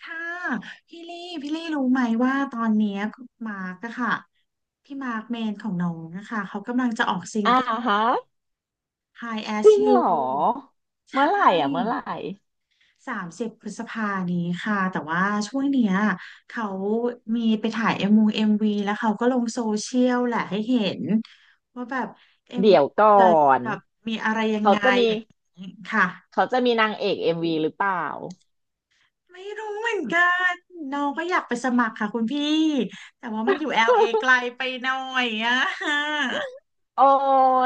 ค่ะพี่ลี่รู้ไหมว่าตอนเนี้ยมาร์กอะค่ะพี่มาร์กเมนของน้องอะค่ะเขากำลังจะออกซิงอ่าเกิล ฮะ High จริ As งเหรอ You ใชเมื่อไหร่อ่ะเมื่อไห่ร่30 พฤษภานี้ค่ะแต่ว่าช่วงเนี้ยเขามีไปถ่ายเอ็มวีแล้วเขาก็ลงโซเชียลแหละให้เห็นว่าแบบเอ็มเดี๋วียวมัก่นอจะนแบบมีอะไรยังเขาไงจะมีอย่างนี้ค่ะ เขาจะมีนางเอกเอ็มวีหรือเปล่า ไม่รู้เหมือนกันน้องก็อยากไปสมัครค่ะคุณพี่แต่ว่ามันอยู่ LA ไกล ไปหน่อยอะโอ้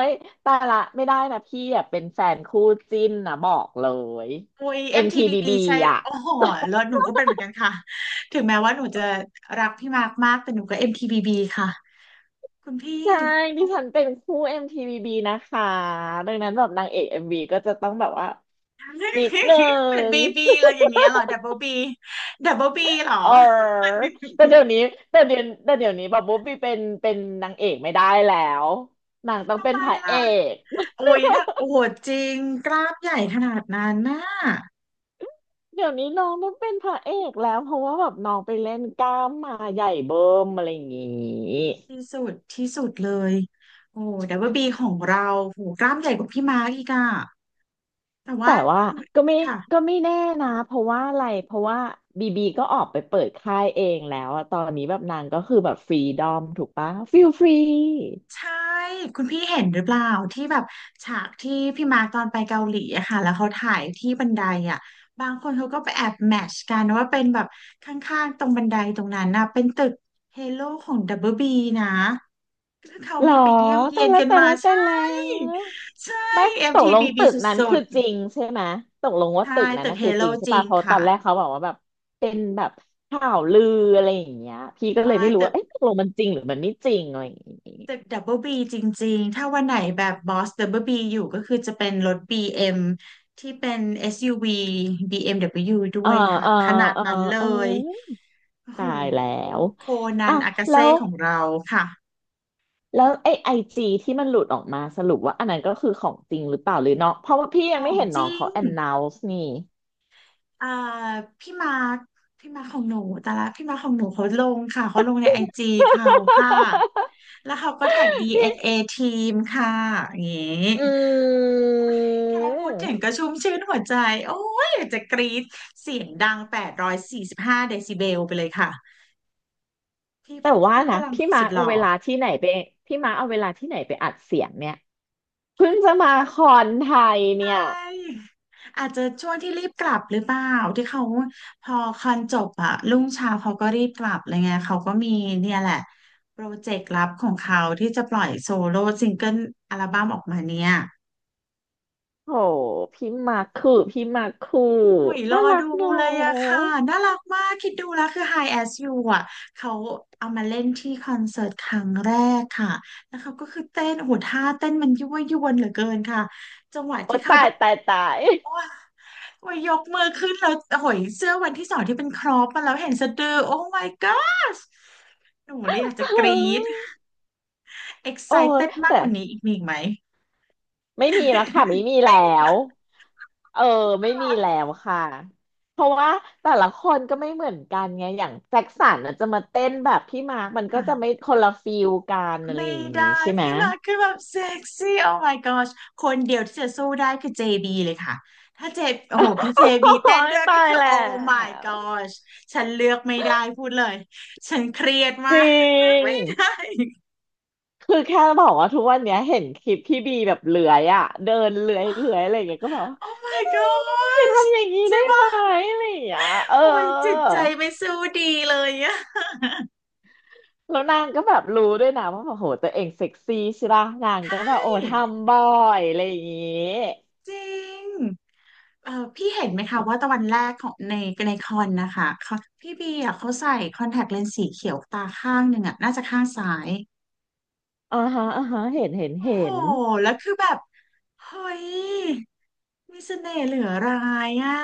ยแต่ละไม่ได้นะพี่อ่ะเป็นแฟนคู่จิ้นนะบอกเลย อุ้ย MTBB MTBB อมทีใช่บีบีอ่ะโอ้โหแล้วหนูก็เป็นเหมือนกันค่ะถึงแม้ว่าหนูจะรักพี่มากมากแต่หนูก็ MTBB ค่ะคุณพี่ ใช่ดิฉันเป็นคู่ MTBB นะคะดังนั้นแบบนางเอก MV ก็จะต้องแบบว่านิดนึ เป็น ง BB อะไรอย่างเงี้ยเหรอ Double B Double B เบิลบีเหรอ เออแต่เดี๋ยว นี้แต่เดี๋ยวนี้แบบบ๊อบบี้เป็นนางเอกไม่ได้แล้วนางต้องทำเป็นไมพระเอล่ะกโอ้ยนะโอ้โหจริงกราฟใหญ่ขนาดนั้นน่ะ เดี๋ยวนี้น้องต้องเป็นพระเอกแล้วเพราะว่าแบบน้องไปเล่นกล้ามมาใหญ่เบิ้มอะไรอย่างงี้ที่สุดที่สุดเลยโอ้ WB ของเราโหกล้ามใหญ่กว่าพี่มาร์กอีกอะแต่ว่าแต่ว่าก็ไม่ค่ะก็ไม่แน่นะเพราะว่าอะไรเพราะว่าบีบีก็ออกไปเปิดค่ายเองแล้วอะตอนนี้แบบนางก็คือแบบฟรีดอมถูกปะฟิลฟรีใช่คุณพี่เห็นหรือเปล่าที่แบบฉากที่พี่มาร์กตอนไปเกาหลีอะค่ะแล้วเขาถ่ายที่บันไดอะบางคนเขาก็ไปแอบแมทช์กันว่าเป็นแบบข้างๆตรงบันไดตรงนั้นนะเป็นตึกเฮโลของ WB นะคือเขาหรอมีไปเยี่ยมเยียนกันมาแต่ใช่แล้ว ใช่ ไม่ตกลงตึ MTBB กสนั้นุคืดอจริงใช่ไหมตกลงๆว่าตึใช่กนั้นตึกนะเฮคือโลจริงใช่จริป่ะงเพราะตอค่ะนแรกเขาบอกว่าแบบเป็นแบบข่าวลืออะไรอย่างเงี้ยพี่ก็เลยไม้ไม่รู้ตึว่าก เอ๊ะตกลงมันจริงหรือมันไม่จริงอะไรอย่างงี้ตึกดับเบิลบีจริงๆ ถ้าวันไหนแบบบอสดับเบิลบีอยู่ก็คือจะเป็นรถ BM ที่เป็น SUV BMW ดบเบิลยูด้เออวยค่ะเออขนาดเออนั้นเลเอยอโอ้โหตายแล้วโคนัอ่ะนอากาแล้เซ่วของเราค่ะแล้วไอจีที่มันหลุดออกมาสรุปว่าอันนั้นก็คือของจริงหรือเปล่าหรือน้องเพราะว่าพี่ขยังอไม่งเห็นจน้องริงเขา announce นี่ อ่าพี่มาร์คพี่มาร์คของหนูแต่ละพี่มาร์คของหนูเขาลงค่ะเขาลงในไอจีเขาค่ะแล้วเขาก็แท็ก DNA ทีมค่ะอย่างงี้ อืแค่พูดถึงก็ม ชุ่มชื่นหัวใจโอ้ยอยากจะกรี๊ดเสียงดัง845 เดซิเบลไปเลยค่ะพี่แต่ว่าพี่ฝนะรั่งพี่มาสุร์ดคหเอาล่อเวลาที่ไหนไปพี่มาร์คเอาเวลาที่ไหนไปอัดเสียงเนี่ยเพิ่งจะมาคอนไทยใชเนี่ย่อาจจะช่วงที่รีบกลับหรือเปล่าที่เขาพอคอนจบอะรุ่งเช้าเขาก็รีบกลับอะไรเงี้ยเขาก็มีเนี่ยแหละโปรเจกต์ลับของเขาที่จะปล่อยโซโล่ซิงเกิลอัลบั้มออกมาเนี่ย โหพี่มาร์คคืออุยรน่าอรักดูเนอเลยอะะค่ะน่ารักมากคิดดูแล้วคือ High As You อะเขาเอามาเล่นที่คอนเสิร์ตครั้งแรกค่ะแล้วเขาก็คือเต้นโอ้โหท่าเต้นมันยั่วยวนเหลือเกินค่ะโอ้ตายเขาตายตาย โอ้ยโอ้ยยกมือขึ้นแล้วโอ้ยเสื้อวันที่สองที่เป็นครอปมาแล้วเห็นสะดือโอ้ my gosh หนูเลยอยากจะกรี๊ด โอ้ excited มากแต่กว่านี้อีกมีอีกไหม ไม่มีแล้วค่ะไม่ มีแล้ไม่มีวแล้วเออไม่น่ามีรักแล้วค่ะเพราะว่าแต่ละคนก็ไม่เหมือนกันไงอย่างแจ็คสันน่ะจะมาเต้นแบบพี่มาร์คมันก็ค่ะ จะไม่คนละฟิลกันอะไรไม่อย่างนี้ได้ใช่ไหม พี่มาร์คคือแบบเซ็กซี่ oh my gosh คนเดียวที่จะสู้ได้คือ JB เลยค่ะถ้าโอ้โหพี่ โ JB เต้อ้นยด้วยก็ตายคือ แล้ oh my ว gosh ฉันเลือกไม่ได้พูดเลยฉันเครียดจมาริกเลือกงไม่ได้ คือแค่บอกว่าทุกวันเนี้ยเห็นคลิปพี่บีแบบเลื้อยอ่ะเดินเลื้อยเลื้อยอะไรอย่างเงี้ยก็แบบว่า oh พี่ my บีพี่บีอย่า gosh ทำอย่างนี้ใช่ได้ไหมปะอะไรอย่างเงี้ยเออโอ้ยจิตใจไม่สู้ดีเลยอะแล้วนางก็แบบรู้ด้วยนะว่าแบบโหตัวเองเซ็กซี่ใช่ปะนางก็แบใช่บโอ้ทำบ่อยอะไรอย่างงี้จริง เออพี่เห็นไหมคะว่าตะวันแรกของในคอนนะคะเขาพี่บีอ่ะเขาใส่คอนแทคเลนส์สีเขียวตาข้างหนึ่งอ่ะน่าจะข้างซ้ายอ่าฮะโอ้เห็โหนแล้วคือแบบเฮ้ยมีเสน่ห์เหลือรายอ่ะ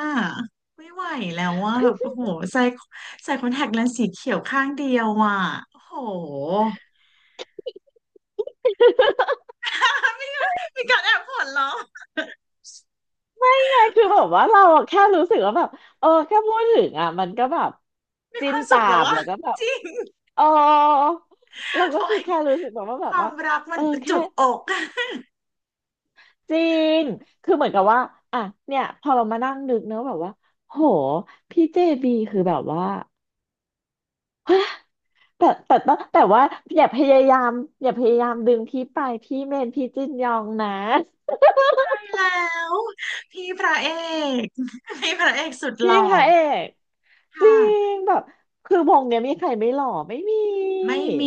ไม่ไหวแล้วว่าแบบโอ้โหใส่ใส่คอนแทคเลนส์สีเขียวข้างเดียวอ่ะโอ้โห มีมีการแอบหัวเราะไงคือแบบว่าเราอะแค่รู้สึกว่าแบบเออแค่พูดถึงอ่ะมันก็แบบมีคจิ้นวามสุตาขแล้วมวะแล้วก็แบบ จริงเออเราก็โอ้คือยแค่รู้สึกแบบว่าความรักมัเอนอจุแค่กอก จริงคือเหมือนกับว่าอ่ะเนี่ยพอเรามานั่งนึกเนอะแบบว่าโหพี่เจบีคือแบบว่า แต่ว่าอย่าพยายามอย่าพยายามดึงพี่ไปพี่เมนพี่จินยองนะแล้วพี่พระเอก พี่พระเอกสุดหพี่ล่อพระเอกจริค่ะงแบบคือวงเนี้ยมีใครไม่หล่อไม่มีไม่มี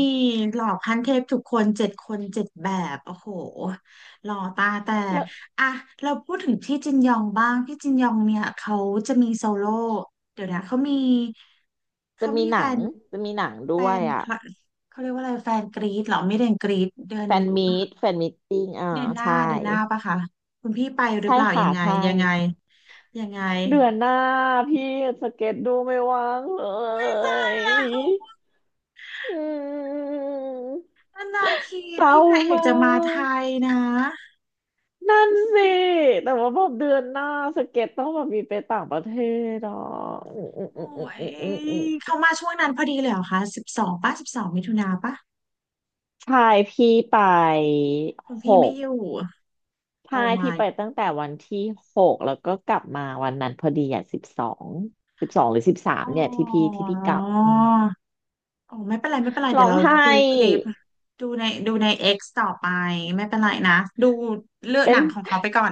หล่อขั้นเทพทุกคนเจ็ดคนเจ็ดแบบโอ้โหหล่อตาแตกแล้วอ่ะเราพูดถึงพี่จินยองบ้างพี่จินยองเนี่ยเขาจะมีโซโล่เดี๋ยวนะเขามีจะเขามีมีหแฟนังนแฟด้วยนคอ่ะลับเขาเรียกว่าอะไรแฟนกรีดเหรอไม่เดือนกรีดเดือนนี้ปะคะแฟนมีตติ้งอ่าเดือนหน้าใช่ เดือนหน้าปะคะคุณพี่ไปหรือใช่เปล่ายัค่ะงไงใช่ยังไงยังไง เดือนหน้าพี่สเก็ตดูไม่ว่างเลอุ้ยตายยแล้วอืมนานๆทีเศร้าพี่พระเอกมาจะมาไทยกนะนั่นสิแต่ว่าแบบเดือนหน้าสเก็ตต้องแบบมีไปต่างประเทศอ่ะอืมอืมอืโอ้มยอืมเขามาช่วงนั้นพอดีเลยเหรอคะสิบสองป่ะ12 มิถุนาป่ะใช่พี่ไปคุณหพี่ไม่กอยู่โอ้ ใช่พี่ my ไปตั้งแต่วันที่หกแล้วก็กลับมาวันนั้นพอดีอ่ะสิบสองสิบสองหรือสิบสามอ๋เนี่ยที่อพี่กลับอืมโอ้ไม่เป็นไรไม่เป็นไรร้เดี๋ยอวงเราไห้ดูคลิปดูใน X ต่อไปไม่เป็นไรนะดูเลือกเป็หนัน งของเขาไปก่อน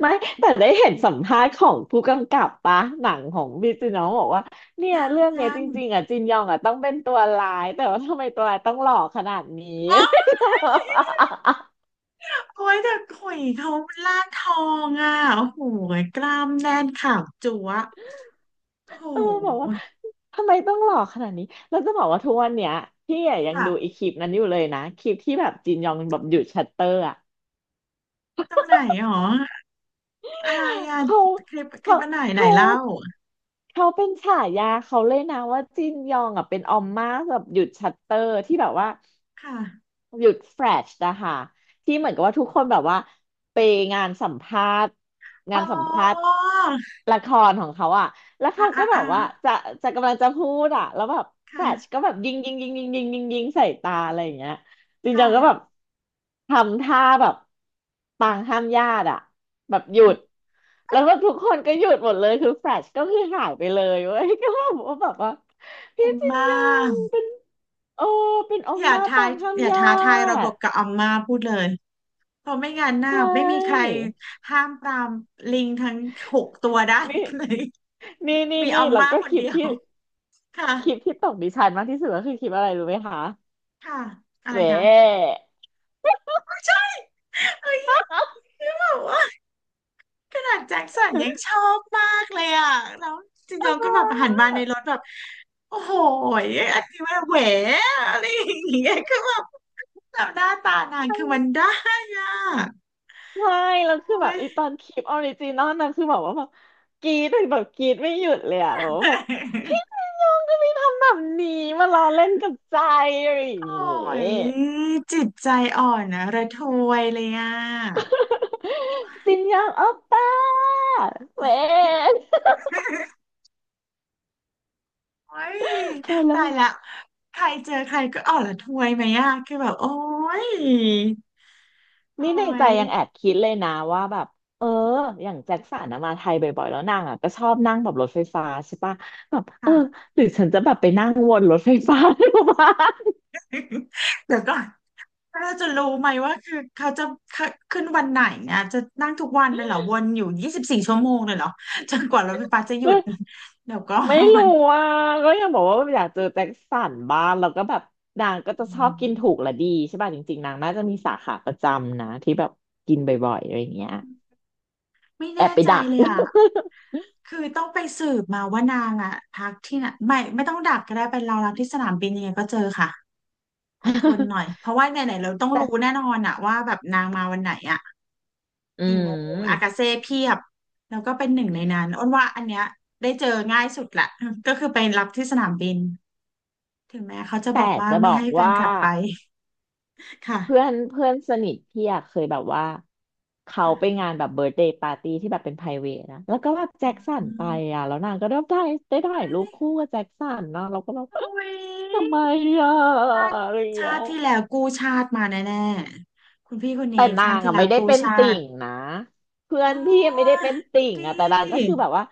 ไม่แต่ได้เห็นสัมภาษณ์ของผู้กำกับปะหนังของพี่จินนองบอกว่าเนี่ยยังเรื่องเนี้ยยัจงริงๆอ่ะจินยองอ่ะต้องเป็นตัวร้ายแต่ว่าทำไมตัวร้ายต้องหล่อขนาดนี้ อ๋อ โอ้ยแต่หุยเขาล่างทองอ่ะโอ้โหกล้ามแน่นขาวจั๊วะโอ้โเออบอกว่าหทำไมต้องหล่อขนาดนี้แล้วจะบอกว่าทุกวันเนี้ยพี่อะยังค่ะ ดูอีคลิปนั้นอยู่เลยนะคลิปที่แบบจินยองแบบหยุดชัตเตอร์อ่ะตรงไหนหรออะไรอะเขาคลิปคลิเขาปอันไหนไหนเขาเล่าเขาเป็นฉายาเขาเลยนะว่าจินยองอ่ะเป็นออมม่าแบบหยุดชัตเตอร์ที่แบบว่า ค่ะหยุดแฟลชนะคะที่เหมือนกับว่าทุกคนแบบว่าไปงานสัมภาษณ์อ๋งานสัมภาษณ์อละครของเขาอะแล้วอ่ะเขาอ่ะก็แบอ่ะบว่าจะกำลังจะพูดอะแล้วแบบแฟลค่ะชก็แบบยิงใส่ตาอะไรอย่างเงี้ยจริงจัค่ะงก็แบบทำท่าแบบปางห้ามญาติอะแบบหยุดแล้วก็ทุกคนก็หยุดหมดเลยคือแฟลชก็คือหายไปเลยเว้ย ก็แบบว่าผพี่มจินมายองเป็น โอ้ เป็นออมย่ามาทาต่ายงข้างอย่าญาท้าทายระบบติกับอัมมาพูดเลยเพราะไม่งั้นใชน่ะไม่มีใคร่ ห้ามปรามลิงทั้งหกตัวได้นี่ เลย มีอันี่มแล้วมาก็คคนลิปเดียวที่ ค่ะคลิปที่ตกดิฉันมากที่สุดก็คือคลิปอะไรรู้ไหมคะค่ะอะแหไรวคะเอ้ยคือแบบว่าขนาดแจ็คสันยังชอบมากเลยอ่ะแล้วจริงๆก็แบบหันมาในรถแบบ โอ้โหยอันที่ว่าแหวอะไรอย่างเงี้ยคือแบบแบบหน้าตานางคือมันได้อะใช่แล้วคือแบโอ้บยอีตอนคลิปออริจินอลนะคือแบบว่าแบบกรี๊ดแบบกรี๊ดไม่หยุดเลยอะแบบว่าแบบพี่นายองทำไมทำแบบนี้มาล้อเล่นกับใจอะไรอย่างโอ้งี้ ยจิตใจอ่อนนะระทวยเลยอ่ะ จินยองโอปป้าแหวยโอ้ยตายแล้ว ตายละใครเจอใครก็อ่อนระทวยไหมอ่ะคือแบบโอ้ยโอ้นี่ในใจยยังแอบคิดเลยนะว่าแบบเอออย่างแจ็คสันนะมาไทยบ่อยๆแล้วนางอ่ะก็ชอบนั่งแบบรถไฟฟ้าใช่ปะแบบเออค่ะ หรือฉันจะแบบไปนั่งวนรถไฟฟ้าดูบ้างเดี๋ยวก่อน แล้วเราจะรู้ไหมว่าคือเขาจะขึ้นวันไหนเนี่ยจะนั่งทุกวันเลยเหรอวนอยู่24 ชั่วโมงเลยเหรอจนกว่ารถไฟฟ้าจะหยุไม่ ด เดี๋ยวก่อไม่รู้นอ่ะก็ยังบอกว่าอยากเจอแจ็คสันบ้างแล้วก็แบบนางก็อืจะชอบมกินถูกและดีใช่ป่ะจริงๆนางน่าจะมีสาขาประจำนะที่แบบกินบ่อยๆอะไรอย่างเงี้ยไม่แอแน่บไปใจดัก เลยอ่ะคือต้องไปสืบมาว่านางอ่ะพักที่ไหนไม่ต้องดักก็ได้ไปรอรับที่สนามบินยังไงก็เจอค่ะอดทนหน่อยเพราะว่าไหนๆเรา ต้องแต่รู้แน่นอนอ่ะว่าแบบนางมาวันไหนอ่ะอืกี่โมงอากามเซ่เพียบแล้วก็เป็นหนึ่งในนั้นอ้นว่าอันเนี้ยได้เจอง่ายสุดละ ก็คือไปรับที่สนามบิน ถึงแม้เขาจะบแต่อกว่าจะบไม่อกให้แฟนว่า คลับไป ค่ะเพื่อนเพื่อนสนิทพี่อะเคยแบบว่าเขาค่ะไปงานแบบเบิร์ d เดย์ปาร์ตี้ที่แบบเป็นไพรเวทนะแล้วก็แบบแจ็คสันอืไปมอะแล้วนางก็ได้ถ่ายรูปคู่กับแจ็คสันนะเราก็แบบโอ้ทำไมยอ่ะชาติอะไรอย่างเงี้ชายติที่แล้วกู้ชาติมาแน่ๆคุณพี่คนแต่นี้นาชาติงที่อะแล้ไม่วได้กู้เป็นชาติ่ติงนะเพื่ออ๋นพี่ไม่ได้อเป็นดูติ่งดอะแต่นางก็ิคือแบบว่า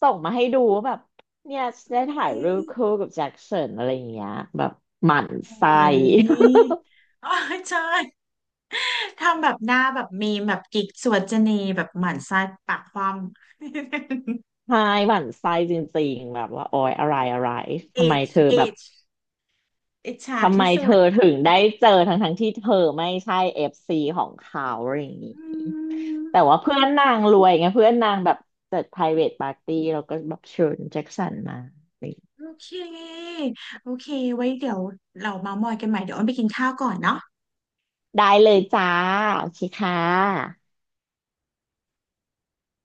ส่งมาให้ดูว่าแบบเนี่ยโอ้ได้ถ่ายยรูปคู่กับแจ็คสันอะไรอย่างเงี้ยแบบหมั่นไส้ โอ้ยโอ้ยใช่ทำแบบหน้าแบบมีมแบบกิ๊กสวดจนีแบบหมั่นไส้ปากคว่ำ ใช่หวั่นไส้จริงๆแบบว่าโอยอะไรอะไร เอทำไมจเธอเอแบบ จอิจฉาทำไมที่เธสุอดถึงได้เจอทั้งทั้งที่เธอไม่ใช่เอฟซีของเขาอะไรอย่างนี้อืม แต่ว่าเพื่อนนางรวยไงเพื่อนนางแบบจัด private party แล้วก็แบบเชิญแจ็คสันมาอะไรอย่างงี้โอเค โอเคไว้เดี๋ยวเราเมามอยกันใหม่ เดี๋ยวอ้นไปกินข้าวก่อนเนาะได้เลยจ้าโอเคค่ะ